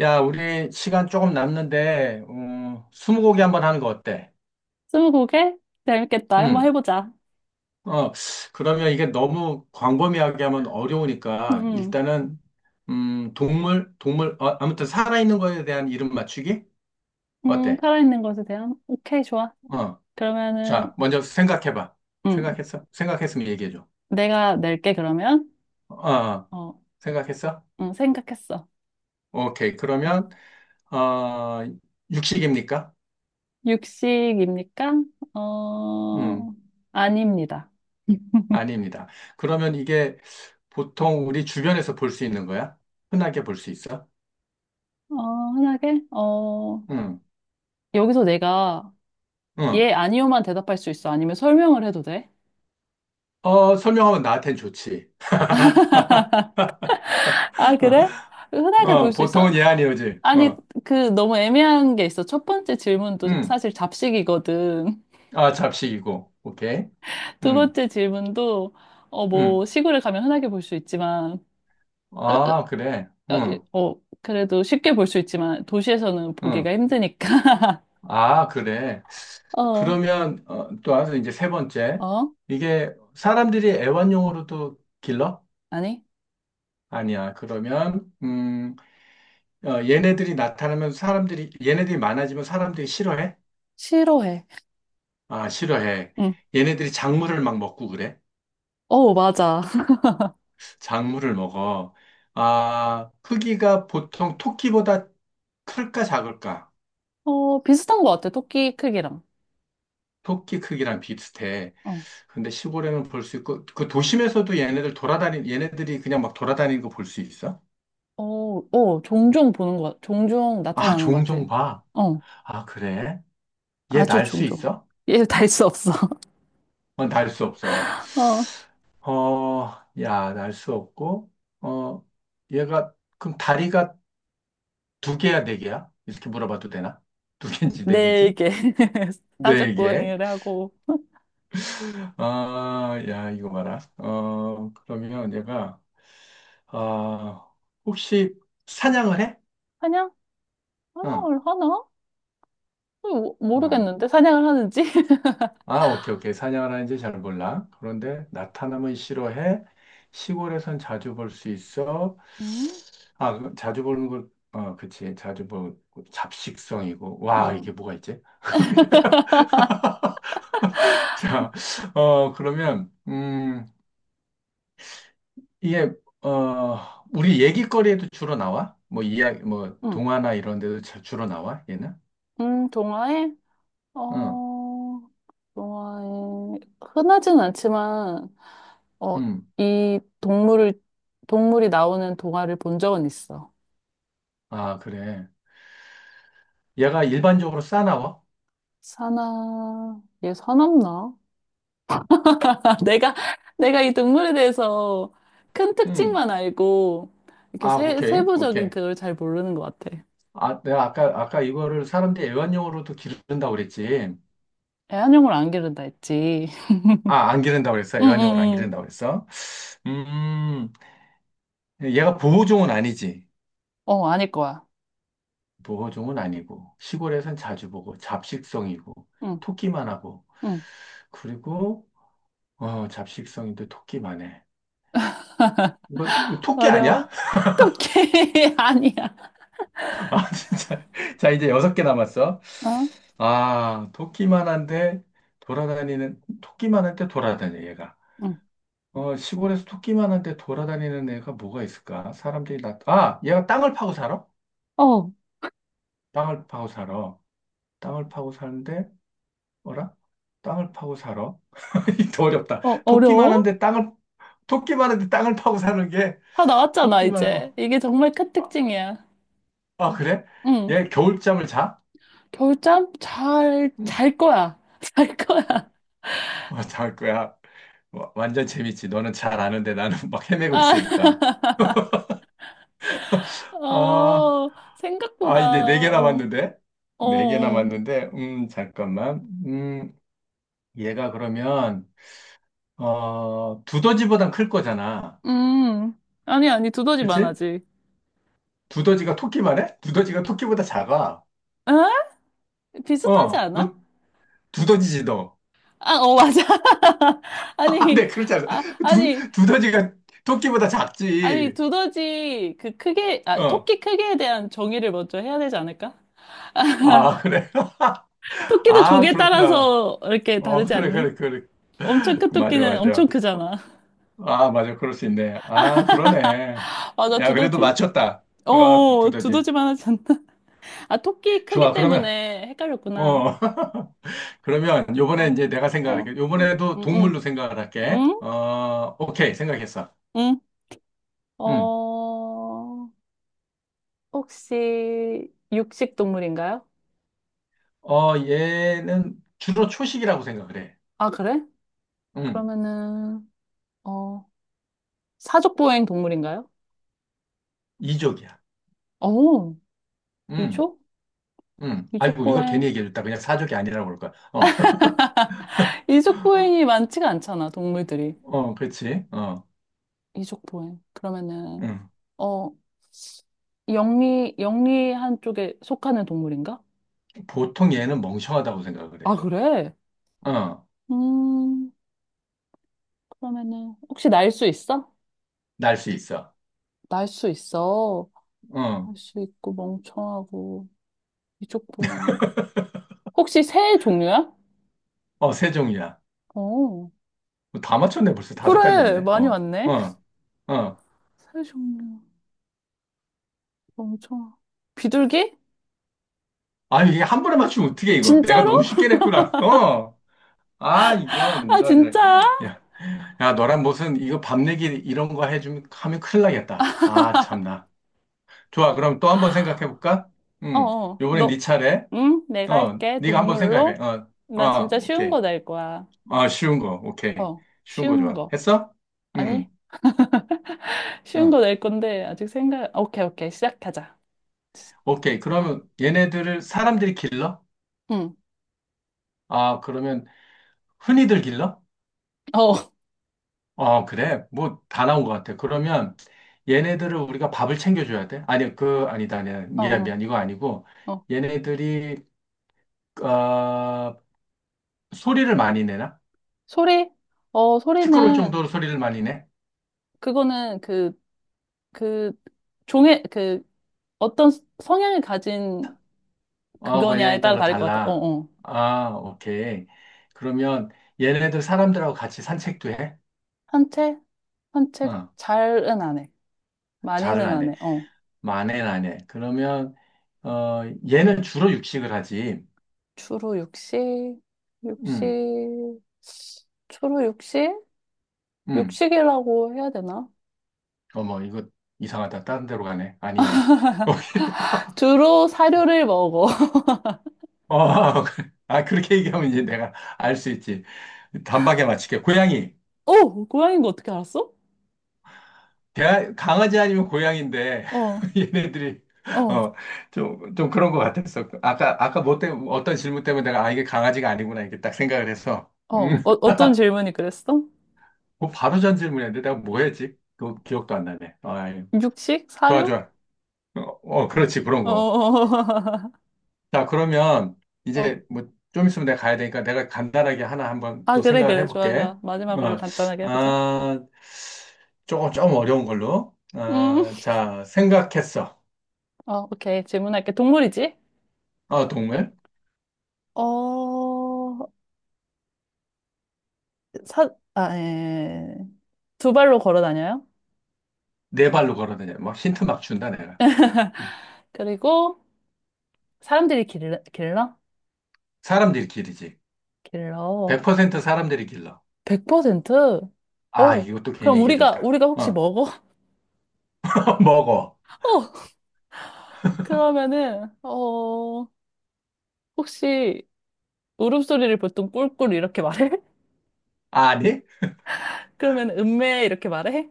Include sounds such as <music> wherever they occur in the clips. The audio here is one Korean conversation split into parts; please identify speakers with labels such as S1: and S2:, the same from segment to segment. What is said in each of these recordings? S1: 야, 우리 시간 조금 남는데, 스무고개 한번 하는 거 어때?
S2: 스무고개? 재밌겠다. 한번
S1: 응.
S2: 해보자.
S1: 어, 그러면 이게 너무 광범위하게 하면 어려우니까,
S2: 음,
S1: 일단은, 동물, 동물, 아무튼 살아있는 거에 대한 이름 맞추기? 어때?
S2: 살아있는 것에 대한? 오케이, 좋아.
S1: 어,
S2: 그러면은,
S1: 자, 먼저 생각해봐.
S2: 음,
S1: 생각했어? 생각했으면 얘기해줘.
S2: 내가 낼게, 그러면.
S1: 어,
S2: 어,
S1: 생각했어?
S2: 생각했어.
S1: 오케이.
S2: 어,
S1: 그러면, 어, 육식입니까?
S2: 육식입니까?
S1: 음
S2: 어, 아닙니다.
S1: 아닙니다. 그러면 이게 보통 우리 주변에서 볼 수 있는 거야? 흔하게 볼 수 있어?
S2: 어, 흔하게?
S1: 응,
S2: 여기서 내가
S1: 응.
S2: 예, 아니요만 대답할 수 있어? 아니면 설명을 해도 돼?
S1: 어, 설명하면 나한텐 좋지. <laughs>
S2: 아,
S1: 어,
S2: 그래? 흔하게 볼
S1: 어,
S2: 수 있어?
S1: 보통은 얘 아니오지.
S2: 아니,
S1: 어,
S2: 너무 애매한 게 있어. 첫 번째 질문도
S1: 응.
S2: 사실 잡식이거든.
S1: 아, 잡식이고. 오케이.
S2: 두
S1: 응,
S2: 번째 질문도
S1: 응.
S2: 시골에 가면 흔하게 볼 수 있지만 으, 으,
S1: 아, 그래.
S2: 어, 예,
S1: 응,
S2: 어, 그래도 쉽게 볼 수 있지만 도시에서는 보기가
S1: 응.
S2: 힘드니까 <laughs>
S1: 아, 그래.
S2: 어.
S1: 그러면, 또 와서 이제 세 번째.
S2: 어?
S1: 이게 사람들이 애완용으로도 길러?
S2: 아니,
S1: 아니야. 그러면, 얘네들이 나타나면 사람들이, 얘네들이 많아지면 사람들이 싫어해?
S2: 싫어해.
S1: 아, 싫어해. 얘네들이 작물을 막 먹고 그래?
S2: 응어 맞아. <laughs>
S1: 작물을 먹어. 아, 크기가 보통 토끼보다 클까 작을까?
S2: 어, 비슷한 것 같아. 토끼 크기랑
S1: 토끼 크기랑 비슷해. 근데 시골에는 볼 수 있고, 그 도심에서도 얘네들이 그냥 막 돌아다니는 거 볼 수 있어?
S2: 어어어 종종 보는 것 같- 종종
S1: 아,
S2: 나타나는 것 같아.
S1: 종종 봐.
S2: 어,
S1: 아, 그래? 얘
S2: 아주
S1: 날 수
S2: 종종.
S1: 있어?
S2: 얘달수 없어.
S1: 어, 날수 없어.
S2: <laughs>
S1: 어, 야, 날 수 없고, 어, 얘가, 그럼 다리가 두 개야, 네 개야? 이렇게 물어봐도 되나? 두 개인지 네 개인지?
S2: 어네개 <laughs>
S1: 네
S2: 사족
S1: 개.
S2: 고행을 하고
S1: 아, 야, 이거 봐라. 어, 그러면 얘가, 아, 혹시 사냥을 해?
S2: 사냥,
S1: 어.
S2: 사냥을 하나,
S1: 아.
S2: 모르겠는데 사냥을 하는지. <laughs>
S1: 아, 오케이, 오케이. 사냥을 하는지 잘 몰라. 그런데 나타남은 싫어해. 시골에선 자주 볼 수 있어.
S2: 음,
S1: 아, 그 자주 보는 걸, 어, 그치. 자주 보고 잡식성이고. 와,
S2: 음,
S1: 이게 뭐가 있지? <laughs> 자, 그러면, 이게, 우리 얘기거리에도 주로 나와? 뭐, 이야기, 뭐,
S2: 음,
S1: 동화나 이런 데도 주로 나와? 얘는?
S2: 동화에
S1: 응,
S2: 어, 동화에 흔하지는 않지만 어,
S1: 음,
S2: 이 동물을 동물이 나오는 동화를 본 적은 있어.
S1: 아, 그래. 얘가 일반적으로 싸나와?
S2: 사나 얘 사납나? <laughs> 내가 내가 이 동물에 대해서 큰
S1: 음,
S2: 특징만 알고 이렇게
S1: 아, 오케이,
S2: 세부적인
S1: 오케이.
S2: 그걸 잘 모르는 것 같아.
S1: 아, 내가 아까, 아까 이거를 사람들이 애완용으로도 기른다고 그랬지.
S2: 애완용을 안 기른다 했지. <laughs>
S1: 아, 안 기른다고 그랬어.
S2: 응, 응,
S1: 애완용으로 안
S2: 응.
S1: 기른다고 그랬어. 음, 얘가 보호종은 아니지.
S2: 어, 아닐 거야.
S1: 보호종은 아니고, 시골에선 자주 보고, 잡식성이고,
S2: 응,
S1: 토끼만 하고,
S2: 응.
S1: 그리고, 잡식성인데 토끼만 해. 이거, 이거 토끼
S2: 어려워?
S1: 아니야?
S2: 어떡해. <laughs> 아니야.
S1: <laughs> 아, 진짜. 자, 이제 여섯 개 남았어.
S2: 어?
S1: 아, 토끼만 한데, 돌아다니는, 토끼만 한데 돌아다녀, 얘가.
S2: 응.
S1: 어, 시골에서 토끼만 한데 돌아다니는 애가 뭐가 있을까? 사람들이 나, 아, 얘가 땅을 파고 살아?
S2: 어, 어,
S1: 땅을 파고 살아. 땅을 파고 사는데, 뭐라? 땅을 파고 살아. <laughs> 이거 어렵다. 토끼만
S2: 어려워?
S1: 한데 땅을, 토끼만 한데 땅을 파고 사는 게,
S2: 다 나왔잖아,
S1: 토끼 말고,
S2: 이제. 이게 정말 큰
S1: 아,
S2: 특징이야.
S1: 아, 그래?
S2: 응.
S1: 얘 겨울잠을 자?
S2: 겨울잠
S1: 응.
S2: 잘 거야. <laughs> 잘 거야.
S1: 어, 잘 거야. 와, 완전 재밌지. 너는 잘 아는데 나는 <laughs> 막 헤매고
S2: 아,
S1: 있으니까.
S2: <laughs>
S1: 아,
S2: 어, 생각보다,
S1: 아, 이제 네 개
S2: 어,
S1: 남았는데?
S2: 어,
S1: 네 개
S2: 어.
S1: 남았는데, 잠깐만. 음, 얘가 그러면 두더지보단 클 거잖아.
S2: 음. 아니, 아니, 두더지만
S1: 그치?
S2: 하지.
S1: 두더지가 토끼만 해? 두더지가 토끼보다 작아.
S2: 어? 비슷하지
S1: 어,
S2: 않아?
S1: 너 두더지지 너.
S2: 아, 어, 맞아. <laughs>
S1: <laughs> 아,
S2: 아니,
S1: 네, 그렇지 않아.
S2: 아,
S1: 두
S2: 아니.
S1: 두더지가 토끼보다
S2: 아니,
S1: 작지.
S2: 두더지,
S1: 어.
S2: 토끼 크기에 대한 정의를 먼저 해야 되지 않을까? 아, <laughs>
S1: 아, 그래. <laughs>
S2: 토끼도
S1: 아,
S2: 조개
S1: 그렇구나.
S2: 따라서 이렇게
S1: 어,
S2: 다르지
S1: 그래,
S2: 않니?
S1: 그래, 그래.
S2: 엄청 큰
S1: 맞아,
S2: 토끼는 엄청
S1: 맞아. 어,
S2: 크잖아.
S1: 아, 맞아. 그럴 수 있네. 아, 그러네.
S2: <laughs> 맞아,
S1: 야, 그래도
S2: 두더지.
S1: 맞췄다.
S2: 어,
S1: 아,
S2: 어, 어,
S1: 두더지.
S2: 두더지만 하지 않나? <laughs> 아, 토끼 크기
S1: 좋아, 그러면.
S2: 때문에 헷갈렸구나.
S1: 어. <laughs> 그러면 요번에
S2: 어,
S1: 이제 내가 생각할게.
S2: 어, 응,
S1: 요번에도 동물로
S2: 응,
S1: 생각을 할게.
S2: 응,
S1: 어, 오케이. 생각했어.
S2: 응.
S1: 음.
S2: 어, 혹시 육식 동물인가요?
S1: 어, 얘는 주로 초식이라고 생각을 해.
S2: 아, 그래?
S1: 음.
S2: 그러면은, 어, 사족보행 동물인가요?
S1: 이족이야.
S2: 어,
S1: 음.
S2: 미초?
S1: 음. 아이고, 이걸 괜히
S2: 이족보행.
S1: 얘기해줬다. 그냥 사족이 아니라고 그럴 거야. 어. <laughs>
S2: 이족보행이 많지가 않잖아, 동물들이.
S1: 어, 그렇지. 어.
S2: 이족보행. 그러면은,
S1: 음.
S2: 어, 영리, 영리한 쪽에 속하는 동물인가?
S1: 보통 얘는 멍청하다고 생각을
S2: 아,
S1: 해.
S2: 그래?
S1: 어.
S2: 음, 그러면은, 혹시 날 수 있어?
S1: 날 수 있어.
S2: 날 수 있어.
S1: 어.
S2: 날 수 있고, 멍청하고, 이족보행이. 혹시 새 종류야?
S1: 어, 세 종이야.
S2: 어,
S1: 뭐 다 맞췄네. 벌써 다섯 가지
S2: 그래,
S1: 왔네.
S2: 많이
S1: 어.
S2: 왔네.
S1: 어. 어.
S2: 새 종류, 멍청하. 비둘기?
S1: 아니, 이게 한 번에 맞추면 어떻게 이거? 내가
S2: 진짜로?
S1: 너무 쉽게 냈구나. 어. 아, 이런,
S2: 아,
S1: 이런, 이런.
S2: 진짜?
S1: 야, 야, 너랑 무슨, 이거 밤내기 이런 거 해주면, 하면 큰일 나겠다. 아, 참나. 좋아, 그럼 또 한번 생각해볼까?
S2: 어,
S1: 음,
S2: 어,
S1: 요번엔 네
S2: 너,
S1: 차례.
S2: 응? 내가
S1: 어,
S2: 할게.
S1: 네가 한번 생각해.
S2: 동물로?
S1: 어,
S2: 나
S1: 어,
S2: 진짜 쉬운
S1: 오케이.
S2: 거 낼 거야.
S1: 아, 쉬운 거, 오케이.
S2: 어,
S1: 쉬운 거
S2: 쉬운
S1: 좋아.
S2: 거.
S1: 했어? 음,
S2: 아니, <laughs> 쉬운
S1: 응.
S2: 거 낼 건데, 아직 생각, 오케이, 오케이. 시작하자.
S1: 오케이.
S2: 응,
S1: 그러면 얘네들을 사람들이 길러?
S2: 응.
S1: 아, 그러면 흔히들 길러?
S2: 어,
S1: 어, 그래. 뭐, 다 나온 것 같아. 그러면 얘네들을 우리가 밥을 챙겨줘야 돼? 아니, 그, 아니다, 아니야.
S2: <laughs> 어,
S1: 미안,
S2: 어,
S1: 미안. 이거 아니고.
S2: 어.
S1: 얘네들이, 어, 소리를 많이 내나?
S2: 소리? 어,
S1: 시끄러울
S2: 소리는,
S1: 정도로 소리를 많이 내?
S2: 그거는 그, 종의, 어떤 성향을 가진
S1: 어,
S2: 그거냐에
S1: 분야에
S2: 따라
S1: 따라
S2: 다를 것 같아. 어,
S1: 달라.
S2: 어.
S1: 아, 오케이. 그러면 얘네들 사람들하고 같이 산책도 해?
S2: 산책? 산책
S1: 어,
S2: 잘은 안 해. 많이는
S1: 잘은 안
S2: 안
S1: 해.
S2: 해. 어.
S1: 만에는 안 해. 그러면, 어, 얘는 주로 육식을 하지.
S2: 주로 육식,
S1: 음,
S2: 육식, 주로 육식?
S1: 음.
S2: 육식이라고 해야 되나?
S1: 어머, 이거 이상하다. 다른 데로 가네. 아니네. <laughs>
S2: 주로 사료를 먹어.
S1: 어, <laughs> 아, 그렇게 얘기하면 이제 내가 알 수 있지. 단박에 맞출게. 고양이.
S2: <laughs> 오, 고양이인 거 어떻게 알았어?
S1: 대 강아지 아니면 고양인데,
S2: 어, 어,
S1: <laughs> 얘네들이,
S2: 어,
S1: 어, 좀, 좀 그런 것 같았어. 아까, 아까 뭐 때문에, 어떤 질문 때문에 내가, 아, 이게 강아지가 아니구나, 이렇게 딱 생각을 해서.
S2: 어,
S1: 음,
S2: 어떤 질문이 그랬어?
S1: <laughs> 뭐 바로 전 질문이었는데, 내가 뭐 했지? 그 기억도 안 나네. 아, 예.
S2: 육식?
S1: 좋아,
S2: 사료?
S1: 좋아. 어, 어, 그렇지, 그런
S2: 어,
S1: 거.
S2: <laughs> 어.
S1: 자, 그러면
S2: 어.
S1: 이제 뭐 좀 있으면 내가 가야 되니까 내가 간단하게 하나 한번
S2: 아,
S1: 또
S2: 그래,
S1: 생각을
S2: 그래. 좋아,
S1: 해볼게.
S2: 좋아. 마지막으로
S1: 어,
S2: 간단하게 해보자.
S1: 아, 조금, 조금 어려운 걸로.
S2: 음,
S1: 어, 자, 생각했어.
S2: 어, 오케이. 질문할게. 동물이지?
S1: 어, 동물.
S2: 어, 사, 아, 예. 두 발로 걸어 다녀요?
S1: 네 발로 걸어다녀. 막 힌트 막 준다, 내가. 응.
S2: 그리고 사람들이 길러? 길러?
S1: 사람들이 길이지.
S2: 길러.
S1: 100% 사람들이 길러.
S2: 100%?
S1: 아,
S2: 어.
S1: 이것도 괜히
S2: 그럼 우리가,
S1: 얘기해줬다.
S2: 우리가 혹시
S1: 어,
S2: 먹어? <laughs>
S1: <laughs> 먹어.
S2: 어. 그러면은, 어, 혹시 울음소리를 보통 꿀꿀 이렇게 말해? <laughs>
S1: 아니?
S2: 그러면 음메 이렇게 말해?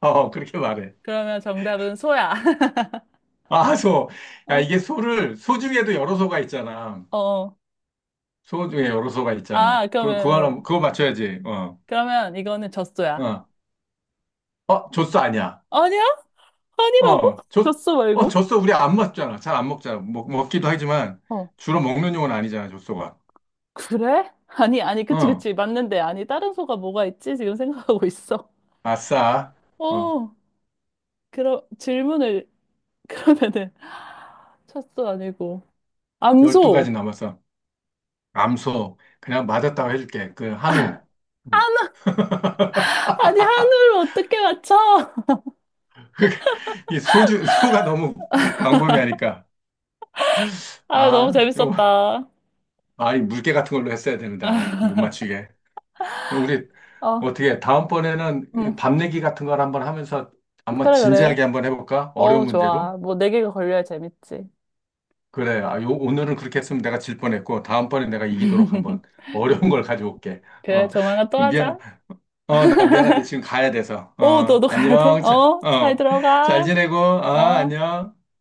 S1: 어, 그렇게 말해.
S2: 그러면 정답은 소야.
S1: 아, 소.
S2: <laughs>
S1: 야,
S2: 어,
S1: 이게 소를, 소 중에도 여러 소가 있잖아.
S2: 어.
S1: 소 중에 여러소가 있잖아.
S2: 아,
S1: 그, 그거 하나,
S2: 그러면,
S1: 그거 맞춰야지. 어,
S2: 그러면 이거는 젖소야.
S1: 어, 어, 젖소 아니야.
S2: 아니야? 아니라고?
S1: 어,
S2: <laughs>
S1: 젖,
S2: 젖소
S1: 어,
S2: 말고?
S1: 젖소 우리 안 먹잖아. 잘 안 먹잖아. 먹, 먹기도 하지만
S2: 어.
S1: 주로 먹는 용은 아니잖아, 젖소가.
S2: 그래? 아니, 아니, 그치,
S1: 어,
S2: 그치. 맞는데. 아니, 다른 소가 뭐가 있지? 지금 생각하고 있어.
S1: 아싸.
S2: <laughs>
S1: 어,
S2: 어. 그럼 질문을 <laughs> 그러면은 찻도 아니고
S1: 12가지
S2: 암소.
S1: 남았어. 암소. 그냥 맞았다고 해줄게. 그, 한우. 음.
S2: 한우. 아니, 한우를 어떻게 맞춰? <laughs>
S1: <laughs> 이 소주, 소가 너무 광범위하니까.
S2: 아 너무
S1: 아, 좀,
S2: 재밌었다.
S1: 아, 이 물개 같은 걸로 했어야 되는데, 아이, 못
S2: <laughs>
S1: 맞추게. 우리
S2: 어,
S1: 어떻게 다음번에는
S2: 응,
S1: 밥 내기 같은 걸 한번 하면서 한번
S2: 그래, 그래.
S1: 진지하게 한번 해볼까?
S2: 어,
S1: 어려운
S2: 좋아.
S1: 문제로?
S2: 뭐, 네 개가 걸려야 재밌지.
S1: 그래. 아, 요, 오늘은 그렇게 했으면 내가 질 뻔했고 다음번에 내가 이기도록 한번
S2: <laughs>
S1: <laughs> 어려운 걸 가져올게.
S2: 그래,
S1: 어,
S2: 조만간 또
S1: 미안.
S2: 하자.
S1: 어, 나 미안한데 지금 가야 돼서.
S2: 오,
S1: 어,
S2: 너도 가야 돼.
S1: 안녕. 자,
S2: 어, 잘
S1: 어, 잘
S2: 들어가.
S1: 지내고. 아,
S2: 어.
S1: 안녕.